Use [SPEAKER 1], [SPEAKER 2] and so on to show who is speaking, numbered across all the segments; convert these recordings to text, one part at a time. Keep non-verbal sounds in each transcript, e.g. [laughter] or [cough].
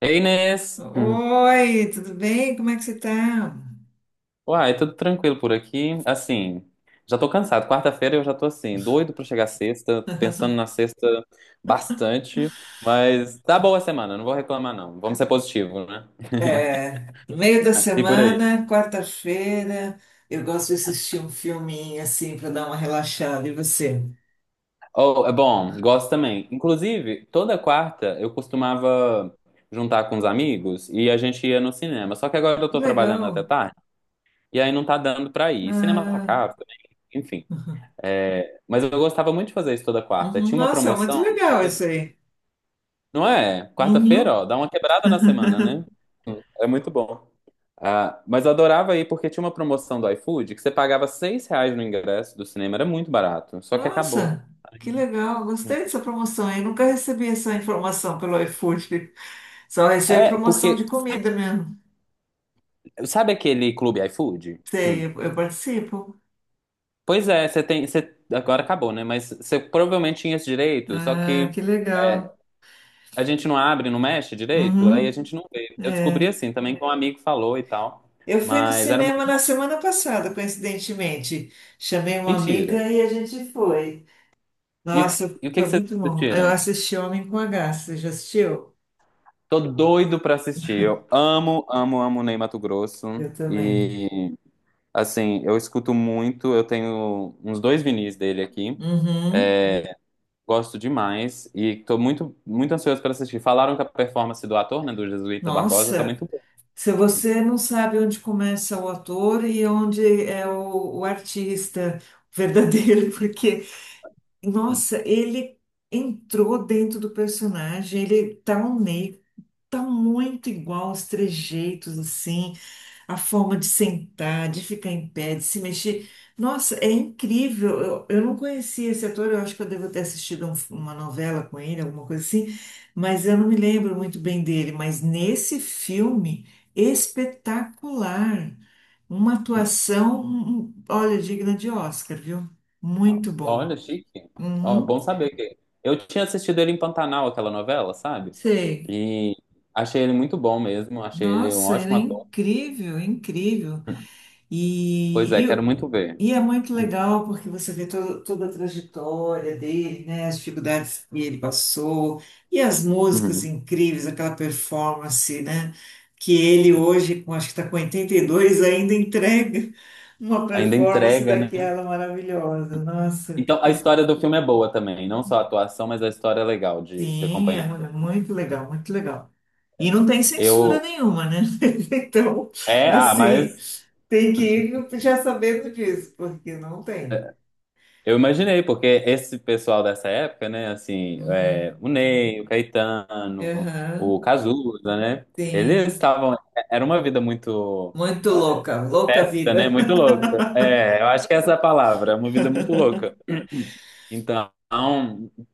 [SPEAKER 1] Ei, Inês! Hum.
[SPEAKER 2] Oi, tudo bem? Como é que você está?
[SPEAKER 1] Uai, tudo tranquilo por aqui. Assim, já tô cansado. Quarta-feira eu já tô assim, doido pra chegar sexta, pensando na sexta bastante, mas tá boa a semana, não vou reclamar não. Vamos ser positivo, né?
[SPEAKER 2] É, no meio da
[SPEAKER 1] E por aí.
[SPEAKER 2] semana, quarta-feira, eu gosto de assistir um filminho assim para dar uma relaxada. E você?
[SPEAKER 1] Oh, é bom, gosto também. Inclusive, toda quarta eu costumava juntar com os amigos e a gente ia no cinema. Só que agora eu
[SPEAKER 2] Que
[SPEAKER 1] tô trabalhando até
[SPEAKER 2] legal.
[SPEAKER 1] tarde e aí não tá dando pra ir. Cinema tá
[SPEAKER 2] Ah,
[SPEAKER 1] caro também.
[SPEAKER 2] uhum.
[SPEAKER 1] É, mas eu gostava muito de fazer isso toda quarta.
[SPEAKER 2] Uhum.
[SPEAKER 1] Tinha uma
[SPEAKER 2] Nossa,
[SPEAKER 1] promoção,
[SPEAKER 2] muito legal isso aí.
[SPEAKER 1] não é? Quarta-feira,
[SPEAKER 2] Uhum.
[SPEAKER 1] ó, dá uma quebrada na semana, né? É muito bom. Ah, mas eu adorava ir porque tinha uma promoção do iFood que você pagava seis reais no ingresso do cinema, era muito barato, só que acabou.
[SPEAKER 2] Nossa, que legal. Gostei dessa promoção aí. Nunca recebi essa informação pelo iFood. Só recebo
[SPEAKER 1] É,
[SPEAKER 2] promoção
[SPEAKER 1] porque
[SPEAKER 2] de comida mesmo.
[SPEAKER 1] sabe aquele clube iFood?
[SPEAKER 2] Sei,
[SPEAKER 1] Hum.
[SPEAKER 2] eu participo.
[SPEAKER 1] Pois é, você tem, você, agora acabou, né? Mas você provavelmente tinha esse direito, só
[SPEAKER 2] Ah,
[SPEAKER 1] que
[SPEAKER 2] que
[SPEAKER 1] é,
[SPEAKER 2] legal.
[SPEAKER 1] a gente não abre, não mexe direito, aí a
[SPEAKER 2] Uhum.
[SPEAKER 1] gente não vê. Eu descobri
[SPEAKER 2] É.
[SPEAKER 1] assim também que um amigo falou e tal,
[SPEAKER 2] Eu fui no
[SPEAKER 1] mas era
[SPEAKER 2] cinema na semana passada, coincidentemente. Chamei uma
[SPEAKER 1] mentira.
[SPEAKER 2] amiga e a gente foi.
[SPEAKER 1] E, o-
[SPEAKER 2] Nossa,
[SPEAKER 1] e o que
[SPEAKER 2] foi
[SPEAKER 1] que vocês
[SPEAKER 2] muito bom. Eu
[SPEAKER 1] assistiram?
[SPEAKER 2] assisti Homem com H. Você já assistiu?
[SPEAKER 1] Tô doido pra assistir. Eu amo, amo, amo Ney Matogrosso.
[SPEAKER 2] Eu também.
[SPEAKER 1] E, assim, eu escuto muito. Eu tenho uns dois vinis dele aqui.
[SPEAKER 2] Uhum.
[SPEAKER 1] É, gosto demais. E tô muito, muito ansioso pra assistir. Falaram que a performance do ator, né, do Jesuíta Barbosa, tá
[SPEAKER 2] Nossa,
[SPEAKER 1] muito boa.
[SPEAKER 2] se você não sabe onde começa o ator e onde é o artista verdadeiro, [laughs] porque, nossa, ele entrou dentro do personagem, ele tá um meio, tá muito igual os trejeitos, assim. A forma de sentar, de ficar em pé, de se mexer. Nossa, é incrível. Eu não conhecia esse ator, eu acho que eu devo ter assistido uma novela com ele, alguma coisa assim, mas eu não me lembro muito bem dele. Mas nesse filme, espetacular. Uma atuação, olha, digna de Oscar, viu? Muito bom.
[SPEAKER 1] Olha, chique. Ó,
[SPEAKER 2] Uhum,
[SPEAKER 1] bom saber. Que eu tinha assistido ele em Pantanal, aquela novela, sabe?
[SPEAKER 2] sei.
[SPEAKER 1] E achei ele muito bom mesmo, achei ele um
[SPEAKER 2] Nossa, ele
[SPEAKER 1] ótimo
[SPEAKER 2] é
[SPEAKER 1] ator.
[SPEAKER 2] incrível, incrível.
[SPEAKER 1] Pois
[SPEAKER 2] e
[SPEAKER 1] é, quero muito ver.
[SPEAKER 2] E é muito legal porque você vê toda a trajetória dele, né? As dificuldades que ele passou e as músicas
[SPEAKER 1] Uhum.
[SPEAKER 2] incríveis, aquela performance, né? Que ele hoje, com, acho que está com 82, ainda entrega uma
[SPEAKER 1] Ainda
[SPEAKER 2] performance
[SPEAKER 1] entrega, né?
[SPEAKER 2] daquela maravilhosa. Nossa,
[SPEAKER 1] Então, a história do filme é boa também, não só a atuação, mas a história é legal de
[SPEAKER 2] sim, é
[SPEAKER 1] acompanhar.
[SPEAKER 2] é muito legal, muito legal. E
[SPEAKER 1] É.
[SPEAKER 2] não tem censura
[SPEAKER 1] Eu
[SPEAKER 2] nenhuma, né? [laughs] Então,
[SPEAKER 1] é, ah,
[SPEAKER 2] assim,
[SPEAKER 1] mas
[SPEAKER 2] tem que ir já sabendo disso, porque não tem.
[SPEAKER 1] Eu imaginei, porque esse pessoal dessa época, né, assim, é, o
[SPEAKER 2] Uhum.
[SPEAKER 1] Ney, o Caetano, o
[SPEAKER 2] Aham,
[SPEAKER 1] Cazuza, né,
[SPEAKER 2] tem.
[SPEAKER 1] eles estavam, era uma vida muito
[SPEAKER 2] Muito
[SPEAKER 1] é,
[SPEAKER 2] louca, louca a
[SPEAKER 1] festa, né,
[SPEAKER 2] vida.
[SPEAKER 1] muito louca. É, eu acho que essa é a palavra, uma vida muito louca. [clears throat] Então,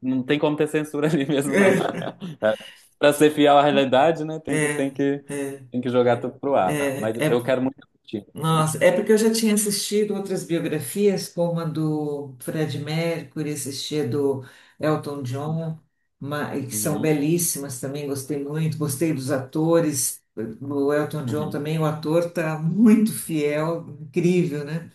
[SPEAKER 1] não tem como ter censura [laughs] ali mesmo, não.
[SPEAKER 2] [laughs]
[SPEAKER 1] [laughs] Para ser fiel à realidade, né,
[SPEAKER 2] É, é,
[SPEAKER 1] tem que jogar tudo pro ar. Mas
[SPEAKER 2] é, é,
[SPEAKER 1] eu quero muito assistir.
[SPEAKER 2] nossa, é porque eu já tinha assistido outras biografias, como a do Fred Mercury, assisti a do Elton John, e que são
[SPEAKER 1] Uhum,
[SPEAKER 2] belíssimas também, gostei muito, gostei dos atores. O Elton John
[SPEAKER 1] uhum.
[SPEAKER 2] também, o ator tá muito fiel, incrível, né?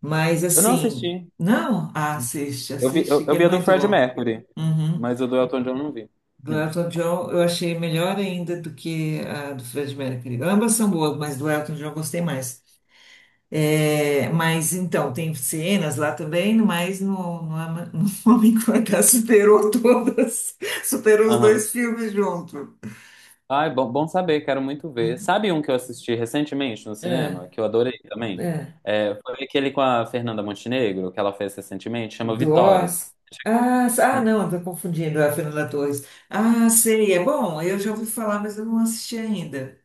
[SPEAKER 2] Mas
[SPEAKER 1] Eu não
[SPEAKER 2] assim,
[SPEAKER 1] assisti.
[SPEAKER 2] não, assiste,
[SPEAKER 1] Eu vi,
[SPEAKER 2] assiste,
[SPEAKER 1] eu
[SPEAKER 2] que é
[SPEAKER 1] vi a do
[SPEAKER 2] muito
[SPEAKER 1] Fred
[SPEAKER 2] bom.
[SPEAKER 1] Mercury,
[SPEAKER 2] Uhum.
[SPEAKER 1] mas o do Elton John eu não vi.
[SPEAKER 2] Do
[SPEAKER 1] Hum.
[SPEAKER 2] Elton John eu achei melhor ainda do que a do Fred Mercury. Ambas são boas, mas do Elton John eu gostei mais. É, mas então, tem cenas lá também, mas [laughs] no Homem que Mordeu superou todas, [laughs] superou os
[SPEAKER 1] Aham.
[SPEAKER 2] dois filmes junto.
[SPEAKER 1] Ai, bom, bom saber, quero muito ver.
[SPEAKER 2] Hum.
[SPEAKER 1] Sabe um que eu assisti recentemente no
[SPEAKER 2] É,
[SPEAKER 1] cinema, que eu adorei também?
[SPEAKER 2] é.
[SPEAKER 1] É, foi aquele com a Fernanda Montenegro, que ela fez recentemente, chama
[SPEAKER 2] Do
[SPEAKER 1] Vitória.
[SPEAKER 2] Oz. Ah, ah,
[SPEAKER 1] Hum.
[SPEAKER 2] não, estou confundindo é a Fernanda Torres. Ah, sei, é bom, eu já ouvi falar, mas eu não assisti ainda.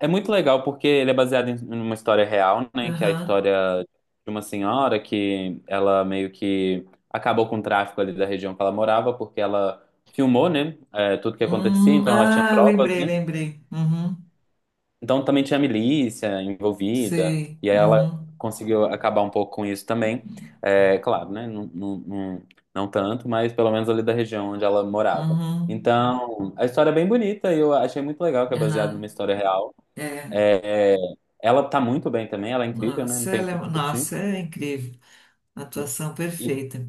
[SPEAKER 1] É muito legal porque ele é baseado em uma história real, né? Que é a
[SPEAKER 2] Aham.
[SPEAKER 1] história de uma senhora que ela meio que acabou com o tráfico ali da região que ela morava, porque ela filmou, né? É, tudo que acontecia, então ela tinha
[SPEAKER 2] Ah,
[SPEAKER 1] provas,
[SPEAKER 2] lembrei,
[SPEAKER 1] né?
[SPEAKER 2] lembrei. Uhum.
[SPEAKER 1] Então também tinha milícia envolvida,
[SPEAKER 2] Sei.
[SPEAKER 1] e aí ela
[SPEAKER 2] Uhum.
[SPEAKER 1] conseguiu acabar um pouco com isso também. É, claro, né? Não, não, não, não tanto, mas pelo menos ali da região onde ela morava.
[SPEAKER 2] Uhum.
[SPEAKER 1] Então, a história é bem bonita e eu achei muito legal que é baseado
[SPEAKER 2] Aham.
[SPEAKER 1] numa história real.
[SPEAKER 2] É.
[SPEAKER 1] É, é, ela tá muito bem também, ela é incrível, né? Não
[SPEAKER 2] Nossa,
[SPEAKER 1] tenho o
[SPEAKER 2] ela é,
[SPEAKER 1] que discutir.
[SPEAKER 2] nossa, é incrível. Atuação
[SPEAKER 1] E,
[SPEAKER 2] perfeita.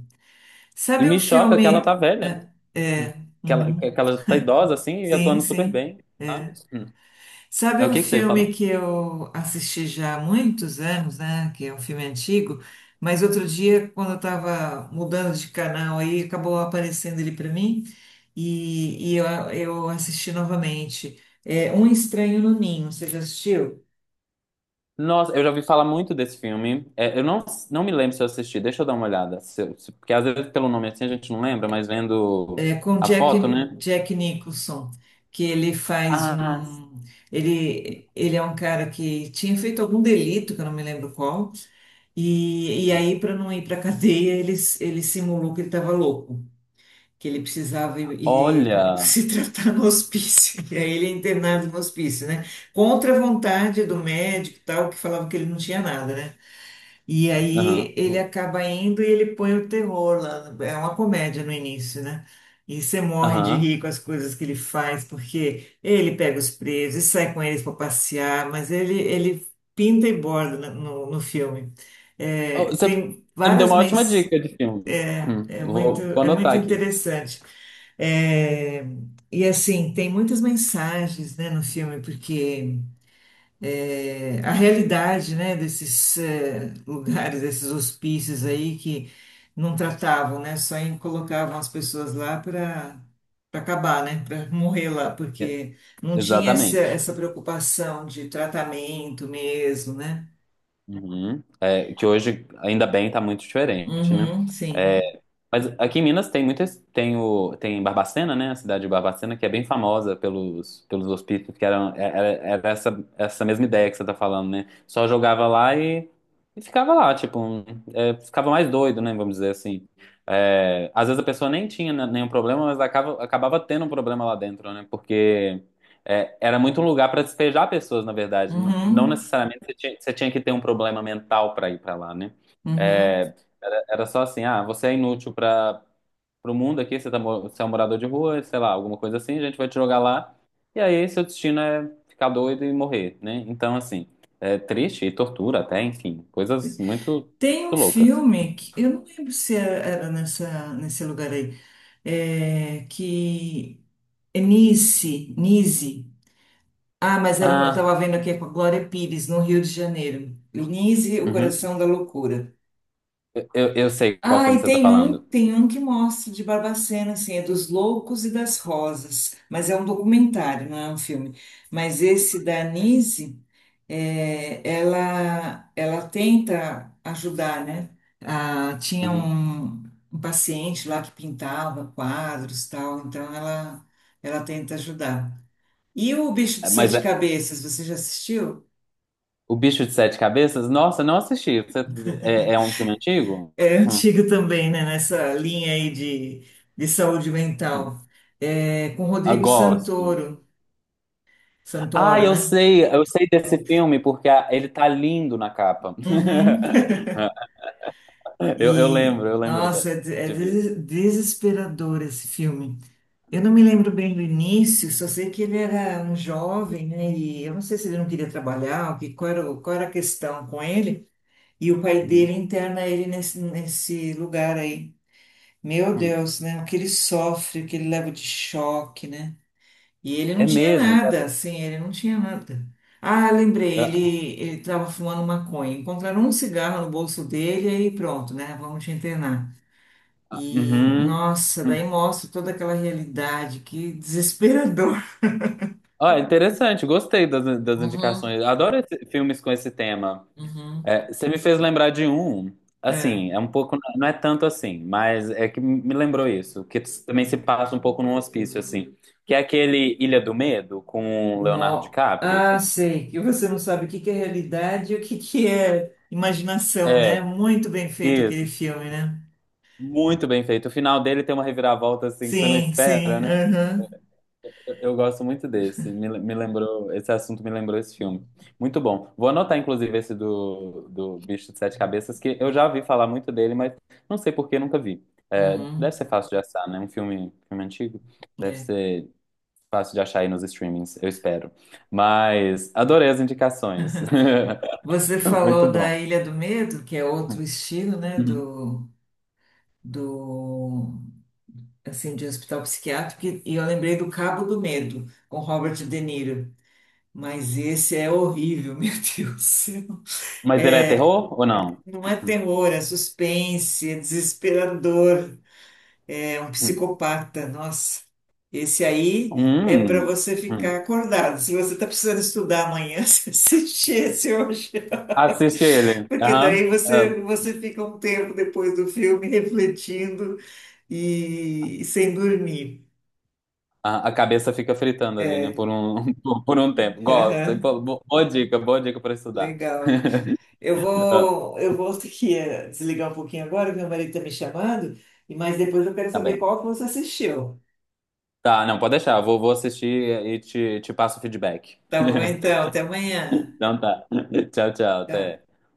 [SPEAKER 1] e
[SPEAKER 2] Sabe um
[SPEAKER 1] me choca que ela
[SPEAKER 2] filme.
[SPEAKER 1] tá velha,
[SPEAKER 2] É,
[SPEAKER 1] né?
[SPEAKER 2] é, uhum.
[SPEAKER 1] Que ela tá idosa assim e
[SPEAKER 2] Sim,
[SPEAKER 1] atuando super
[SPEAKER 2] sim.
[SPEAKER 1] bem, sabe?
[SPEAKER 2] É.
[SPEAKER 1] É,
[SPEAKER 2] Sabe
[SPEAKER 1] o
[SPEAKER 2] um
[SPEAKER 1] que que você ia falar?
[SPEAKER 2] filme que eu assisti já há muitos anos, né? Que é um filme antigo, mas outro dia, quando eu estava mudando de canal aí, acabou aparecendo ele para mim e, e eu assisti novamente. É Um Estranho no Ninho, você já assistiu?
[SPEAKER 1] Nossa, eu já ouvi falar muito desse filme. É, eu não, não me lembro se eu assisti, deixa eu dar uma olhada. Se eu- se- porque às vezes pelo nome assim a gente não lembra, mas vendo
[SPEAKER 2] É com
[SPEAKER 1] a foto, né?
[SPEAKER 2] Jack Nicholson, que ele faz
[SPEAKER 1] Ah,
[SPEAKER 2] um. Ele é um cara que tinha feito algum delito, que eu não me lembro qual, e aí, para não ir para [laughs] cadeia, ele simulou que ele estava louco, que ele precisava ir, [laughs]
[SPEAKER 1] olha!
[SPEAKER 2] se tratar no hospício, e aí ele é internado no hospício, né? Contra a vontade do médico e tal, que falava que ele não tinha nada, né? E
[SPEAKER 1] Aham,
[SPEAKER 2] aí ele acaba indo e ele põe o terror lá. É uma comédia no início, né? E você morre de
[SPEAKER 1] aham.
[SPEAKER 2] rir com as coisas que ele faz, porque ele pega os presos e sai com eles para passear, mas ele pinta e borda no filme.
[SPEAKER 1] Oh,
[SPEAKER 2] É,
[SPEAKER 1] você, você
[SPEAKER 2] tem
[SPEAKER 1] me deu
[SPEAKER 2] várias
[SPEAKER 1] uma ótima
[SPEAKER 2] mens...
[SPEAKER 1] dica de filme.
[SPEAKER 2] É,
[SPEAKER 1] Eu vou, vou
[SPEAKER 2] é
[SPEAKER 1] anotar
[SPEAKER 2] muito
[SPEAKER 1] aqui.
[SPEAKER 2] interessante. É, e assim, tem muitas mensagens, né, no filme, porque a realidade, né, desses lugares, desses hospícios aí que não tratavam, né, colocavam as pessoas lá para acabar, né, para morrer lá,
[SPEAKER 1] E-
[SPEAKER 2] porque não tinha essa,
[SPEAKER 1] exatamente.
[SPEAKER 2] essa preocupação de tratamento mesmo, né?
[SPEAKER 1] Uhum. É, que hoje, ainda bem, tá muito diferente, né?
[SPEAKER 2] Uhum, sim.
[SPEAKER 1] Mas aqui em Minas tem muitas, tem o, tem Barbacena, né? A cidade de Barbacena, que é bem famosa pelos, pelos hospícios, que eram, era, era essa, essa mesma ideia que você tá falando, né? Só jogava lá e ficava lá, tipo, um, é, ficava mais doido, né? Vamos dizer assim. É, às vezes a pessoa nem tinha né, nenhum problema, mas acaba, acabava tendo um problema lá dentro, né? Porque é, era muito um lugar para despejar pessoas, na verdade. Não, não
[SPEAKER 2] Uhum,
[SPEAKER 1] necessariamente você tinha que ter um problema mental para ir para lá, né?
[SPEAKER 2] uhum.
[SPEAKER 1] É, era, era só assim, ah, você é inútil para o mundo aqui, você é um morador de rua, sei lá, alguma coisa assim, a gente vai te jogar lá, e aí seu destino é ficar doido e morrer, né? Então, assim, é triste e tortura até, enfim, coisas muito,
[SPEAKER 2] Tem
[SPEAKER 1] muito
[SPEAKER 2] um
[SPEAKER 1] loucas.
[SPEAKER 2] filme que eu não lembro se era nessa nesse lugar aí, é, que é Nice, Nice. Ah, mas era, eu
[SPEAKER 1] Ah,
[SPEAKER 2] tava vendo aqui é com a Glória Pires, no Rio de Janeiro. Nise, o
[SPEAKER 1] uhum.
[SPEAKER 2] coração da loucura.
[SPEAKER 1] Eu sei qual
[SPEAKER 2] Ah,
[SPEAKER 1] filme
[SPEAKER 2] e
[SPEAKER 1] você tá falando.
[SPEAKER 2] tem um que mostra de Barbacena, assim, é dos Loucos e das Rosas, mas é um documentário, não é um filme. Mas esse da Nise, é, ela tenta ajudar, né? Ah, tinha
[SPEAKER 1] Uhum.
[SPEAKER 2] um, um paciente lá que pintava quadros, e tal, então ela tenta ajudar. E o Bicho de
[SPEAKER 1] É, mas
[SPEAKER 2] Sete
[SPEAKER 1] é,
[SPEAKER 2] Cabeças, você já assistiu?
[SPEAKER 1] O Bicho de Sete Cabeças, nossa, não assisti. Você- é, é um filme antigo?
[SPEAKER 2] É
[SPEAKER 1] Hum,
[SPEAKER 2] antigo também, né? Nessa linha aí de saúde
[SPEAKER 1] hum.
[SPEAKER 2] mental. É, com
[SPEAKER 1] Eu gosto. Ah,
[SPEAKER 2] Santoro, né?
[SPEAKER 1] eu sei desse filme porque a- ele tá lindo na capa.
[SPEAKER 2] Uhum.
[SPEAKER 1] [laughs]
[SPEAKER 2] E,
[SPEAKER 1] Eu lembro
[SPEAKER 2] nossa, é,
[SPEAKER 1] de ver.
[SPEAKER 2] desesperador esse filme. Eu não me lembro bem do início, só sei que ele era um jovem, né? E eu não sei se ele não queria trabalhar, o que, qual era, qual era a questão com ele. E o pai
[SPEAKER 1] Uhum.
[SPEAKER 2] dele interna ele nesse lugar aí. Meu
[SPEAKER 1] Hum.
[SPEAKER 2] Deus, né? O que ele sofre, o que ele leva de choque, né? E ele não
[SPEAKER 1] É
[SPEAKER 2] tinha
[SPEAKER 1] mesmo, cara.
[SPEAKER 2] nada, assim, ele não tinha nada. Ah, lembrei, ele
[SPEAKER 1] Ah,
[SPEAKER 2] ele estava fumando maconha. Encontraram um cigarro no bolso dele e pronto, né? Vamos te internar.
[SPEAKER 1] ah,
[SPEAKER 2] E,
[SPEAKER 1] uhum.
[SPEAKER 2] nossa, daí
[SPEAKER 1] Hum.
[SPEAKER 2] mostra toda aquela realidade, que desesperador. [laughs]
[SPEAKER 1] Ó, interessante, gostei das, das
[SPEAKER 2] Uhum,
[SPEAKER 1] indicações. Adoro esse- filmes com esse tema.
[SPEAKER 2] uhum.
[SPEAKER 1] É, você me fez lembrar de um, assim, é um pouco, não é tanto assim, mas é que me lembrou isso, que também se passa um pouco num hospício, assim, que é aquele Ilha do Medo com o Leonardo
[SPEAKER 2] No...
[SPEAKER 1] DiCaprio.
[SPEAKER 2] Ah, sei, que você não sabe o que que é realidade e o que que é imaginação, né?
[SPEAKER 1] É,
[SPEAKER 2] Muito bem feito
[SPEAKER 1] isso.
[SPEAKER 2] aquele filme, né?
[SPEAKER 1] Muito bem feito. O final dele tem uma reviravolta assim que você não
[SPEAKER 2] Sim,
[SPEAKER 1] espera,
[SPEAKER 2] sim,
[SPEAKER 1] né?
[SPEAKER 2] aham.
[SPEAKER 1] Eu gosto muito desse. Me lembrou, esse assunto me lembrou esse filme. Muito bom. Vou anotar, inclusive, esse do Bicho de Sete Cabeças, que eu já ouvi falar muito dele, mas não sei por que nunca vi. É, deve
[SPEAKER 2] Uhum.
[SPEAKER 1] ser fácil de achar, né? Um filme, filme antigo. Deve
[SPEAKER 2] É.
[SPEAKER 1] ser fácil de achar aí nos streamings, eu espero. Mas adorei as indicações.
[SPEAKER 2] Você
[SPEAKER 1] [laughs] Muito
[SPEAKER 2] falou da
[SPEAKER 1] bom.
[SPEAKER 2] Ilha do Medo, que é outro estilo, né,
[SPEAKER 1] Uhum.
[SPEAKER 2] do, do assim de hospital psiquiátrico, e eu lembrei do Cabo do Medo, com Robert De Niro. Mas esse é horrível, [laughs] meu Deus do céu.
[SPEAKER 1] Mas ele é
[SPEAKER 2] É,
[SPEAKER 1] terror ou não?
[SPEAKER 2] não é terror, é suspense, é desesperador, é um
[SPEAKER 1] Uhum.
[SPEAKER 2] psicopata. Nossa, esse aí é para
[SPEAKER 1] Hum.
[SPEAKER 2] você ficar
[SPEAKER 1] Hum.
[SPEAKER 2] acordado. Se você está precisando estudar amanhã, [laughs] você assiste esse hoje.
[SPEAKER 1] Assiste ele.
[SPEAKER 2] Porque daí
[SPEAKER 1] Aham. Ah,
[SPEAKER 2] você fica um tempo depois do filme [laughs] refletindo e sem dormir.
[SPEAKER 1] a cabeça fica fritando ali, né?
[SPEAKER 2] É,
[SPEAKER 1] Por um, [laughs] por um tempo. Gosto.
[SPEAKER 2] [laughs]
[SPEAKER 1] Boa dica para estudar.
[SPEAKER 2] legal.
[SPEAKER 1] [laughs] Ah,
[SPEAKER 2] Eu vou ter que desligar um pouquinho agora, que meu marido está me chamando, e mas depois eu quero
[SPEAKER 1] tá
[SPEAKER 2] saber
[SPEAKER 1] bem.
[SPEAKER 2] qual que você assistiu.
[SPEAKER 1] Tá, não, pode deixar. Vou, vou assistir e te passo o feedback.
[SPEAKER 2] Tá bom, então, até
[SPEAKER 1] [laughs]
[SPEAKER 2] amanhã.
[SPEAKER 1] Então tá. Tchau, tchau.
[SPEAKER 2] Tchau.
[SPEAKER 1] Até.